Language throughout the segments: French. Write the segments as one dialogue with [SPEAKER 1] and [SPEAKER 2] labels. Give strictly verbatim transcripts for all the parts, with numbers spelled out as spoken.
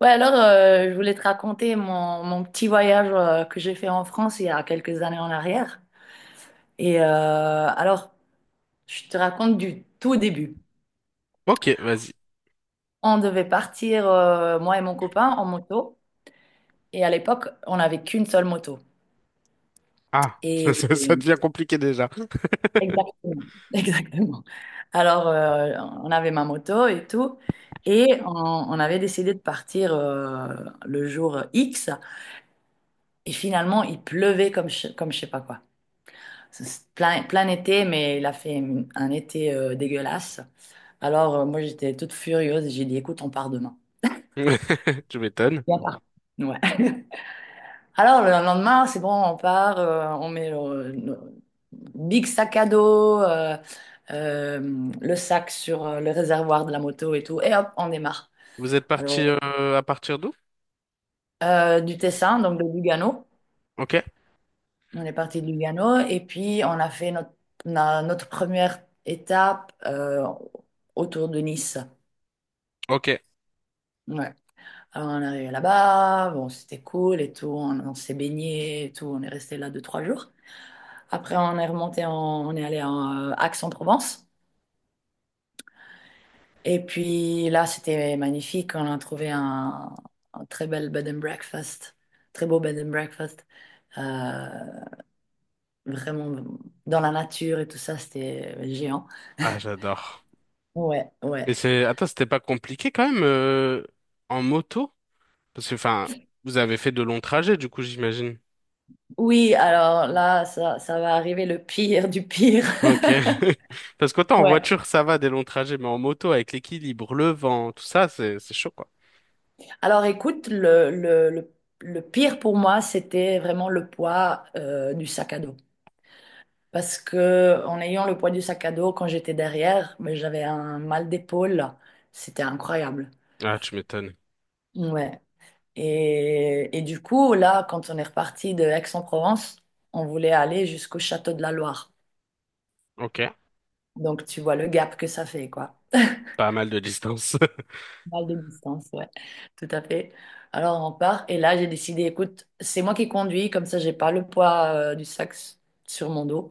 [SPEAKER 1] Ouais, alors, euh, je voulais te raconter mon, mon petit voyage, euh, que j'ai fait en France il y a quelques années en arrière. Et euh, alors, je te raconte du tout début.
[SPEAKER 2] Ok, vas-y.
[SPEAKER 1] On devait partir, euh, moi et mon copain, en moto. Et à l'époque, on n'avait qu'une seule moto.
[SPEAKER 2] Ah, ça,
[SPEAKER 1] Et
[SPEAKER 2] ça- ça devient compliqué déjà.
[SPEAKER 1] exactement, exactement. Alors, euh, on avait ma moto et tout. Et on, on avait décidé de partir, euh, le jour X. Et finalement, il pleuvait comme, je- comme je sais pas quoi. C'est plein, plein été, mais il a fait une- un été, euh, dégueulasse. Alors, euh, moi, j'étais toute furieuse. et J'ai dit, écoute, on part demain.
[SPEAKER 2] Tu m'étonnes.
[SPEAKER 1] Bien par- Ouais. Alors, le lendemain, c'est bon, on part, euh, on met le, le big sac à dos, euh, euh, le sac sur, euh, le réservoir de la moto et tout, et hop, on démarre.
[SPEAKER 2] Vous êtes parti
[SPEAKER 1] Alors,
[SPEAKER 2] euh, à partir d'où?
[SPEAKER 1] euh, du Tessin, donc de Lugano,
[SPEAKER 2] Ok,
[SPEAKER 1] on est parti de Lugano, et puis on a fait notre, na- notre première étape, euh, autour de Nice.
[SPEAKER 2] ok.
[SPEAKER 1] Ouais. Alors on est arrivé là-bas, bon c'était cool et tout, on, on s'est baigné et tout, on est resté là deux, trois jours. Après on est remonté, en- on est allé en, euh, Aix-en-Provence. Et puis là c'était magnifique, on a trouvé un, un très bel bed and breakfast, très beau bed and breakfast, Euh, vraiment dans la nature et tout ça, c'était géant.
[SPEAKER 2] Ah, j'adore.
[SPEAKER 1] Ouais, ouais.
[SPEAKER 2] Mais c'est, attends, c'était pas compliqué quand même euh, en moto? Parce que, enfin, vous avez fait de longs trajets, du coup, j'imagine.
[SPEAKER 1] Oui, alors là ça, ça va arriver le pire du pire.
[SPEAKER 2] Ok. Parce qu'autant en
[SPEAKER 1] Ouais.
[SPEAKER 2] voiture, ça va, des longs trajets, mais en moto, avec l'équilibre, le vent, tout ça, c'est, c'est chaud, quoi.
[SPEAKER 1] Alors écoute, le, le, le, le pire pour moi, c'était vraiment le poids, euh, du sac à dos. Parce que en ayant le poids du sac à dos, quand j'étais derrière, mais j'avais un mal d'épaule. C'était incroyable.
[SPEAKER 2] Ah, tu m'étonnes.
[SPEAKER 1] Ouais. Et, et du coup, là, quand on est reparti de Aix-en-Provence, on voulait aller jusqu'au château de la Loire.
[SPEAKER 2] Ok.
[SPEAKER 1] Donc tu vois le gap que ça fait, quoi.
[SPEAKER 2] Pas mal de distance.
[SPEAKER 1] Mal de distance, ouais, tout à fait. Alors on part et là j'ai décidé, écoute, c'est moi qui conduis, comme ça j'ai pas le poids, euh, du sac s- sur mon dos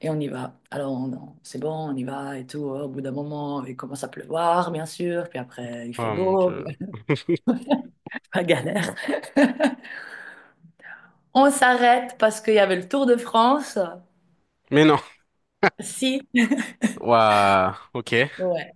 [SPEAKER 1] et on y va. Alors on- on- c'est bon, on y va et tout. Au bout d'un moment, il commence à pleuvoir, bien sûr, puis après il fait
[SPEAKER 2] Oh mon
[SPEAKER 1] beau, puis
[SPEAKER 2] Dieu.
[SPEAKER 1] la galère. On s'arrête parce qu'il y avait le Tour de France.
[SPEAKER 2] Mais non.
[SPEAKER 1] Si.
[SPEAKER 2] Waouh. Ok.
[SPEAKER 1] Ouais.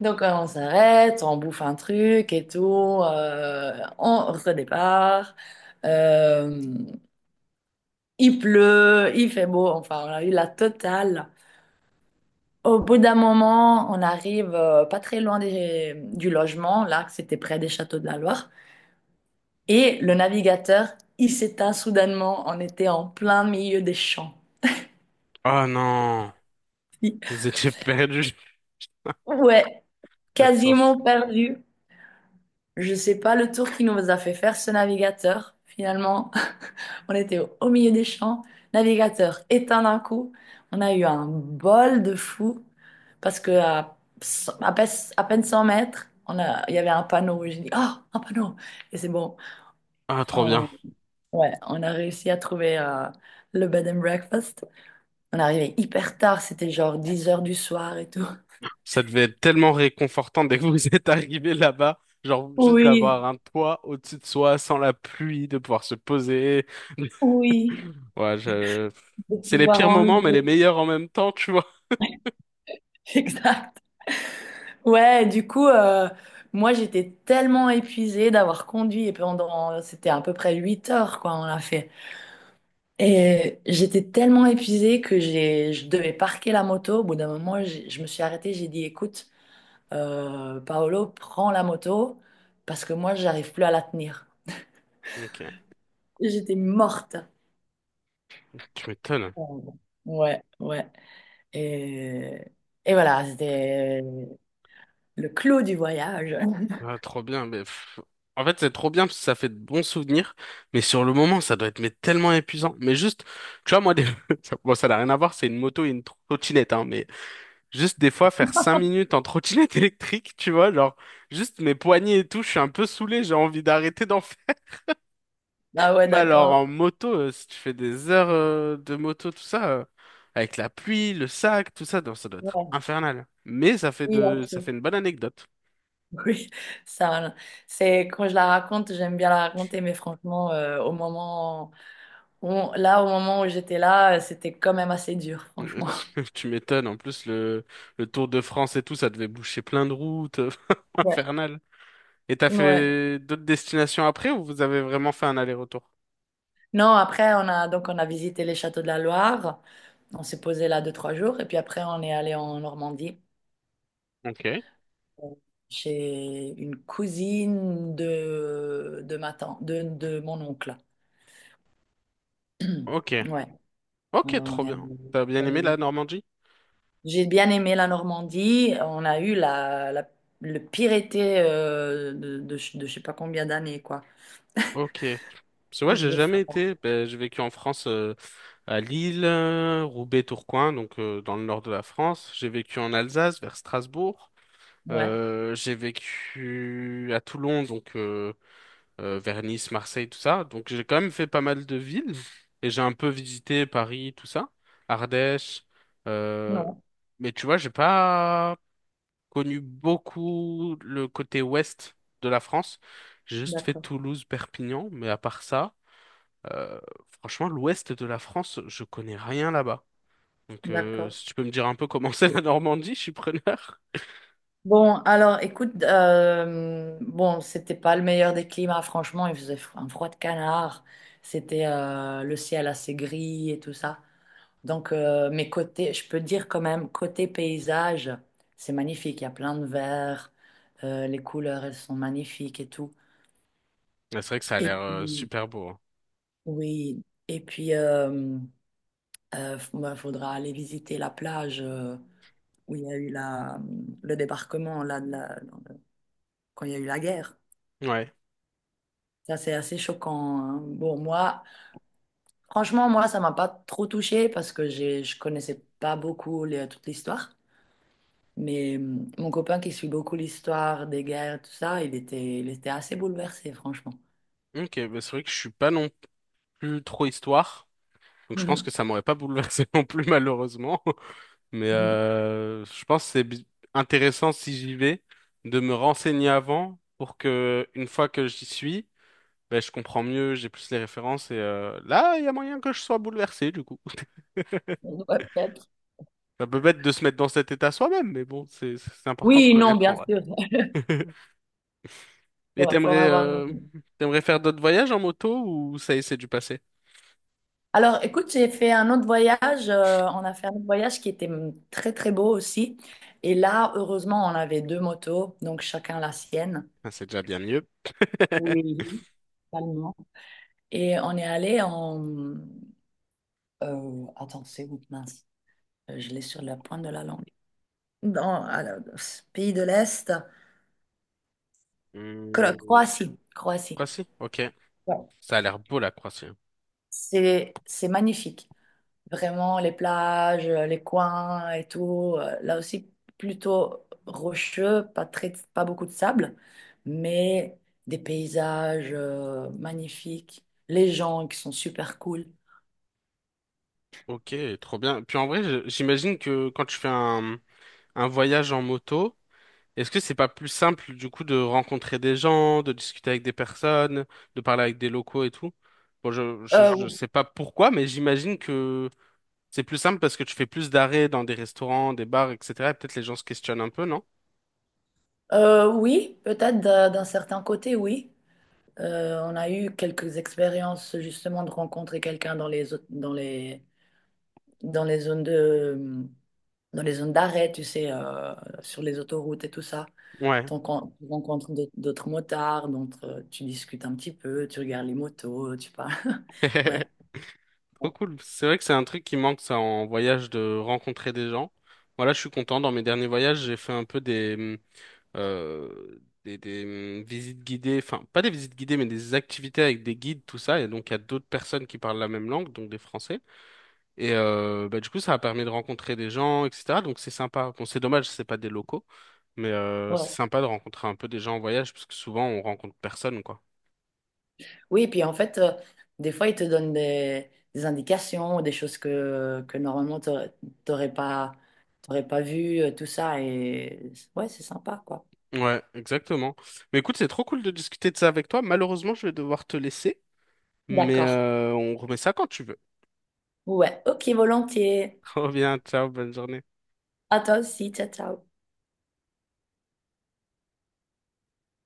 [SPEAKER 1] Donc euh, on s'arrête, on bouffe un truc et tout, euh, on redépart. Euh, Il pleut, il fait beau, enfin, on a eu la totale. Au bout d'un moment, on arrive, euh, pas très loin des- du logement, là, que c'était près des châteaux de la Loire. Et le navigateur, il s'éteint soudainement. On était en plein milieu des champs.
[SPEAKER 2] Oh non. Vous étiez perdu.
[SPEAKER 1] Ouais,
[SPEAKER 2] Pas de chance.
[SPEAKER 1] quasiment perdu. Je sais pas le tour qui nous a fait faire ce navigateur. Finalement, on était au au milieu des champs, navigateur éteint d'un coup. On a eu un bol de fou parce que à, cent- à peine à peine cent mètres, on a, il y avait un panneau. J'ai dit, oh, un panneau! Et c'est bon.
[SPEAKER 2] Ah, trop bien.
[SPEAKER 1] On, ouais, on a réussi à trouver, euh, le bed and breakfast. On est arrivé hyper tard, c'était genre dix heures du soir et tout.
[SPEAKER 2] Ça devait être tellement réconfortant dès que vous êtes arrivé là-bas. Genre, juste
[SPEAKER 1] Oui,
[SPEAKER 2] d'avoir un toit au-dessus de soi, sans la pluie, de pouvoir se poser.
[SPEAKER 1] oui,
[SPEAKER 2] Ouais, je...
[SPEAKER 1] de
[SPEAKER 2] C'est les
[SPEAKER 1] pouvoir
[SPEAKER 2] pires moments, mais
[SPEAKER 1] enlever.
[SPEAKER 2] les meilleurs en même temps, tu vois.
[SPEAKER 1] Exact. Ouais, du coup, euh, moi j'étais tellement épuisée d'avoir conduit et pendant, c'était à peu près huit heures quoi, on l'a fait. Et j'étais tellement épuisée que j'ai, je devais parquer la moto. Au bout d'un moment, j'ai- je me suis arrêtée, j'ai dit, écoute, euh, Paolo, prends la moto parce que moi j'arrive plus à la tenir.
[SPEAKER 2] Ok.
[SPEAKER 1] J'étais morte.
[SPEAKER 2] Tu m'étonnes.
[SPEAKER 1] Oh, ouais, ouais. Et, et voilà, c'était le clou du voyage.
[SPEAKER 2] Ah, trop bien. Mais... pff, en fait, c'est trop bien parce que ça fait de bons souvenirs. Mais sur le moment, ça doit être mais, tellement épuisant. Mais juste, tu vois, moi, des... ça- bon, ça n'a rien à voir. C'est une moto et une trottinette, hein, mais... Juste des fois faire cinq minutes en trottinette électrique, tu vois, genre juste mes poignets et tout, je suis un peu saoulé, j'ai envie d'arrêter d'en faire.
[SPEAKER 1] Ah ouais,
[SPEAKER 2] Mais alors
[SPEAKER 1] d'accord.
[SPEAKER 2] en moto, euh, si tu fais des heures euh, de moto, tout ça, euh, avec la pluie, le sac, tout ça, donc ça doit être
[SPEAKER 1] Ouais.
[SPEAKER 2] infernal. Mais ça fait
[SPEAKER 1] Oui,
[SPEAKER 2] de,
[SPEAKER 1] ok.
[SPEAKER 2] ça fait une bonne anecdote.
[SPEAKER 1] Oui, ça, c'est quand je la raconte, j'aime bien la raconter, mais franchement, euh, au moment où, là, au moment où j'étais là, euh, c'était quand même assez dur, franchement.
[SPEAKER 2] Tu tu m'étonnes, en plus le, le Tour de France et tout, ça devait boucher plein de routes,
[SPEAKER 1] Ouais.
[SPEAKER 2] infernal. Et t'as
[SPEAKER 1] Ouais.
[SPEAKER 2] fait d'autres destinations après ou vous avez vraiment fait un aller-retour?
[SPEAKER 1] Non, après, on a donc on a visité les châteaux de la Loire, on s'est posé là deux, trois jours, et puis après, on est allé en Normandie,
[SPEAKER 2] Ok.
[SPEAKER 1] euh, chez une cousine de, de ma tante, de, de mon oncle.
[SPEAKER 2] Ok.
[SPEAKER 1] Ouais,
[SPEAKER 2] Ok,
[SPEAKER 1] alors on
[SPEAKER 2] trop
[SPEAKER 1] est
[SPEAKER 2] bien.
[SPEAKER 1] allé
[SPEAKER 2] T'as bien
[SPEAKER 1] faire des
[SPEAKER 2] aimé la
[SPEAKER 1] visites.
[SPEAKER 2] Normandie?
[SPEAKER 1] J'ai bien aimé la Normandie. On a eu la, la- le pire été, euh, de, de, je de je sais pas combien d'années, quoi.
[SPEAKER 2] Ok. Parce que moi,
[SPEAKER 1] Il
[SPEAKER 2] j'ai
[SPEAKER 1] faisait
[SPEAKER 2] jamais
[SPEAKER 1] froid.
[SPEAKER 2] été. Ben, j'ai vécu en France, euh, à Lille, euh, Roubaix, Tourcoing, donc euh, dans le nord de la France. J'ai vécu en Alsace, vers Strasbourg.
[SPEAKER 1] Ouais,
[SPEAKER 2] Euh, j'ai vécu à Toulon, donc euh, euh, vers Nice, Marseille, tout ça. Donc j'ai quand même fait pas mal de villes. Et j'ai un peu visité Paris, tout ça. Ardèche. Euh,
[SPEAKER 1] non,
[SPEAKER 2] Mais tu vois, j'ai pas connu beaucoup le côté ouest de la France. J'ai juste fait
[SPEAKER 1] d'accord,
[SPEAKER 2] Toulouse, Perpignan, mais à part ça, euh, franchement, l'ouest de la France, je connais rien là-bas. Donc, euh,
[SPEAKER 1] d'accord.
[SPEAKER 2] si tu peux me dire un peu comment c'est la Normandie, je suis preneur.
[SPEAKER 1] Bon, alors écoute, euh, bon, c'était pas le meilleur des climats, franchement, il faisait fro- un froid de canard, c'était, euh, le ciel assez gris et tout ça. Donc, euh, mais côté, je peux dire quand même, côté paysage, c'est magnifique, il y a plein de verts, euh, les couleurs, elles sont magnifiques et tout.
[SPEAKER 2] Mais c'est vrai que ça a
[SPEAKER 1] Et
[SPEAKER 2] l'air euh,
[SPEAKER 1] puis,
[SPEAKER 2] super beau, hein.
[SPEAKER 1] oui, et puis, euh, euh, f- bah, faudra aller visiter la plage, euh, où il y a eu la, le débarquement là, de la- quand il y a eu la guerre.
[SPEAKER 2] Ouais.
[SPEAKER 1] Ça, c'est assez choquant. hein. Bon, moi, franchement, moi, ça m'a pas trop touchée parce que j'ai, je connaissais pas beaucoup les- toute l'histoire. Mais hum, mon copain qui suit beaucoup l'histoire des guerres, tout ça, il était, il était assez bouleversé, franchement.
[SPEAKER 2] Ok, bah c'est vrai que je suis pas non plus trop histoire. Donc, je pense
[SPEAKER 1] Mhm.
[SPEAKER 2] que ça m'aurait pas bouleversé non plus, malheureusement. Mais
[SPEAKER 1] Mhm.
[SPEAKER 2] euh, je pense que c'est bi- intéressant si j'y vais de me renseigner avant pour que, une fois que j'y suis, ben, je comprends mieux, j'ai plus les références et euh, là, il y a moyen que je sois bouleversé du coup.
[SPEAKER 1] Ouais, peut-être.
[SPEAKER 2] Ça peut bête de se mettre dans cet état soi-même, mais bon, c'est c'est important de
[SPEAKER 1] Oui, non,
[SPEAKER 2] connaître
[SPEAKER 1] bien
[SPEAKER 2] en vrai.
[SPEAKER 1] sûr. Faut,
[SPEAKER 2] Et
[SPEAKER 1] faut
[SPEAKER 2] t'aimerais
[SPEAKER 1] avoir.
[SPEAKER 2] euh, t'aimerais faire d'autres voyages en moto ou ça y est, c'est du passé?
[SPEAKER 1] Alors, écoute, j'ai fait un autre voyage. euh, on a fait un autre voyage qui était, hum, très, très beau aussi. Et là, heureusement, on avait deux motos, donc chacun la sienne.
[SPEAKER 2] Ah, c'est déjà bien mieux.
[SPEAKER 1] Oui, totalement. Et on est allé en, euh, attends, c'est où? Mince, Euh, je l'ai sur la pointe de la langue. Dans à la- Pays de l'Est, Cro-
[SPEAKER 2] Hmm,
[SPEAKER 1] Croatie. Croatie.
[SPEAKER 2] quoi si? Ok.
[SPEAKER 1] Ouais.
[SPEAKER 2] Ça a l'air beau la Croatie, hein.
[SPEAKER 1] C'est c'est magnifique. Vraiment, les plages, euh, les coins et tout. euh, Là aussi, plutôt rocheux, pas très, pas beaucoup de sable, mais des paysages, euh, magnifiques, les gens qui sont super cool.
[SPEAKER 2] Ok, trop bien. Puis en vrai, je- j'imagine que quand tu fais un, un voyage en moto, est-ce que c'est pas plus simple du coup de rencontrer des gens, de discuter avec des personnes, de parler avec des locaux et tout? Bon, je, je,
[SPEAKER 1] Euh,
[SPEAKER 2] je sais pas pourquoi, mais j'imagine que c'est plus simple parce que tu fais plus d'arrêts dans des restaurants, des bars, et cætera. Et peut-être les gens se questionnent un peu, non?
[SPEAKER 1] euh, oui, peut-être d'un d'un certain côté, oui. Euh, on a eu quelques expériences justement de rencontrer quelqu'un dans les, zo- dans les, dans les zones de, dans les zones d'arrêt, tu sais, euh, sur les autoroutes et tout ça.
[SPEAKER 2] Ouais.
[SPEAKER 1] T'en con- Tu rencontres d'aut- d'autres motards, donc euh, tu discutes un petit peu, tu regardes les motos, tu parles. Ouais.
[SPEAKER 2] Trop cool. C'est vrai que c'est un truc qui manque, ça, en voyage, de rencontrer des gens. Voilà, je suis content. Dans mes derniers voyages, j'ai fait un peu des, hum, euh, des, des, hum, visites guidées. Enfin, pas des visites guidées, mais des activités avec des guides, tout ça. Et donc, il y a d'autres personnes qui parlent la même langue, donc des Français. Et euh, bah, du coup, ça a permis de rencontrer des gens, et cætera. Donc c'est sympa. Bon, c'est dommage, c'est pas des locaux, mais euh, c'est
[SPEAKER 1] Ouais.
[SPEAKER 2] sympa de rencontrer un peu des gens en voyage, parce que souvent on rencontre personne, quoi.
[SPEAKER 1] Oui, puis en fait, euh, des fois, ils te donnent des, des indications, des choses que, que normalement, tu n'aurais pas, t'aurais pas vu, euh, tout ça. Et ouais, c'est sympa, quoi.
[SPEAKER 2] Ouais, exactement. Mais écoute, c'est trop cool de discuter de ça avec toi. Malheureusement, je vais devoir te laisser, mais
[SPEAKER 1] D'accord.
[SPEAKER 2] euh, on remet ça quand tu veux.
[SPEAKER 1] Ouais, ok, volontiers.
[SPEAKER 2] Reviens, ciao, bonne journée.
[SPEAKER 1] À toi aussi, ciao, ciao.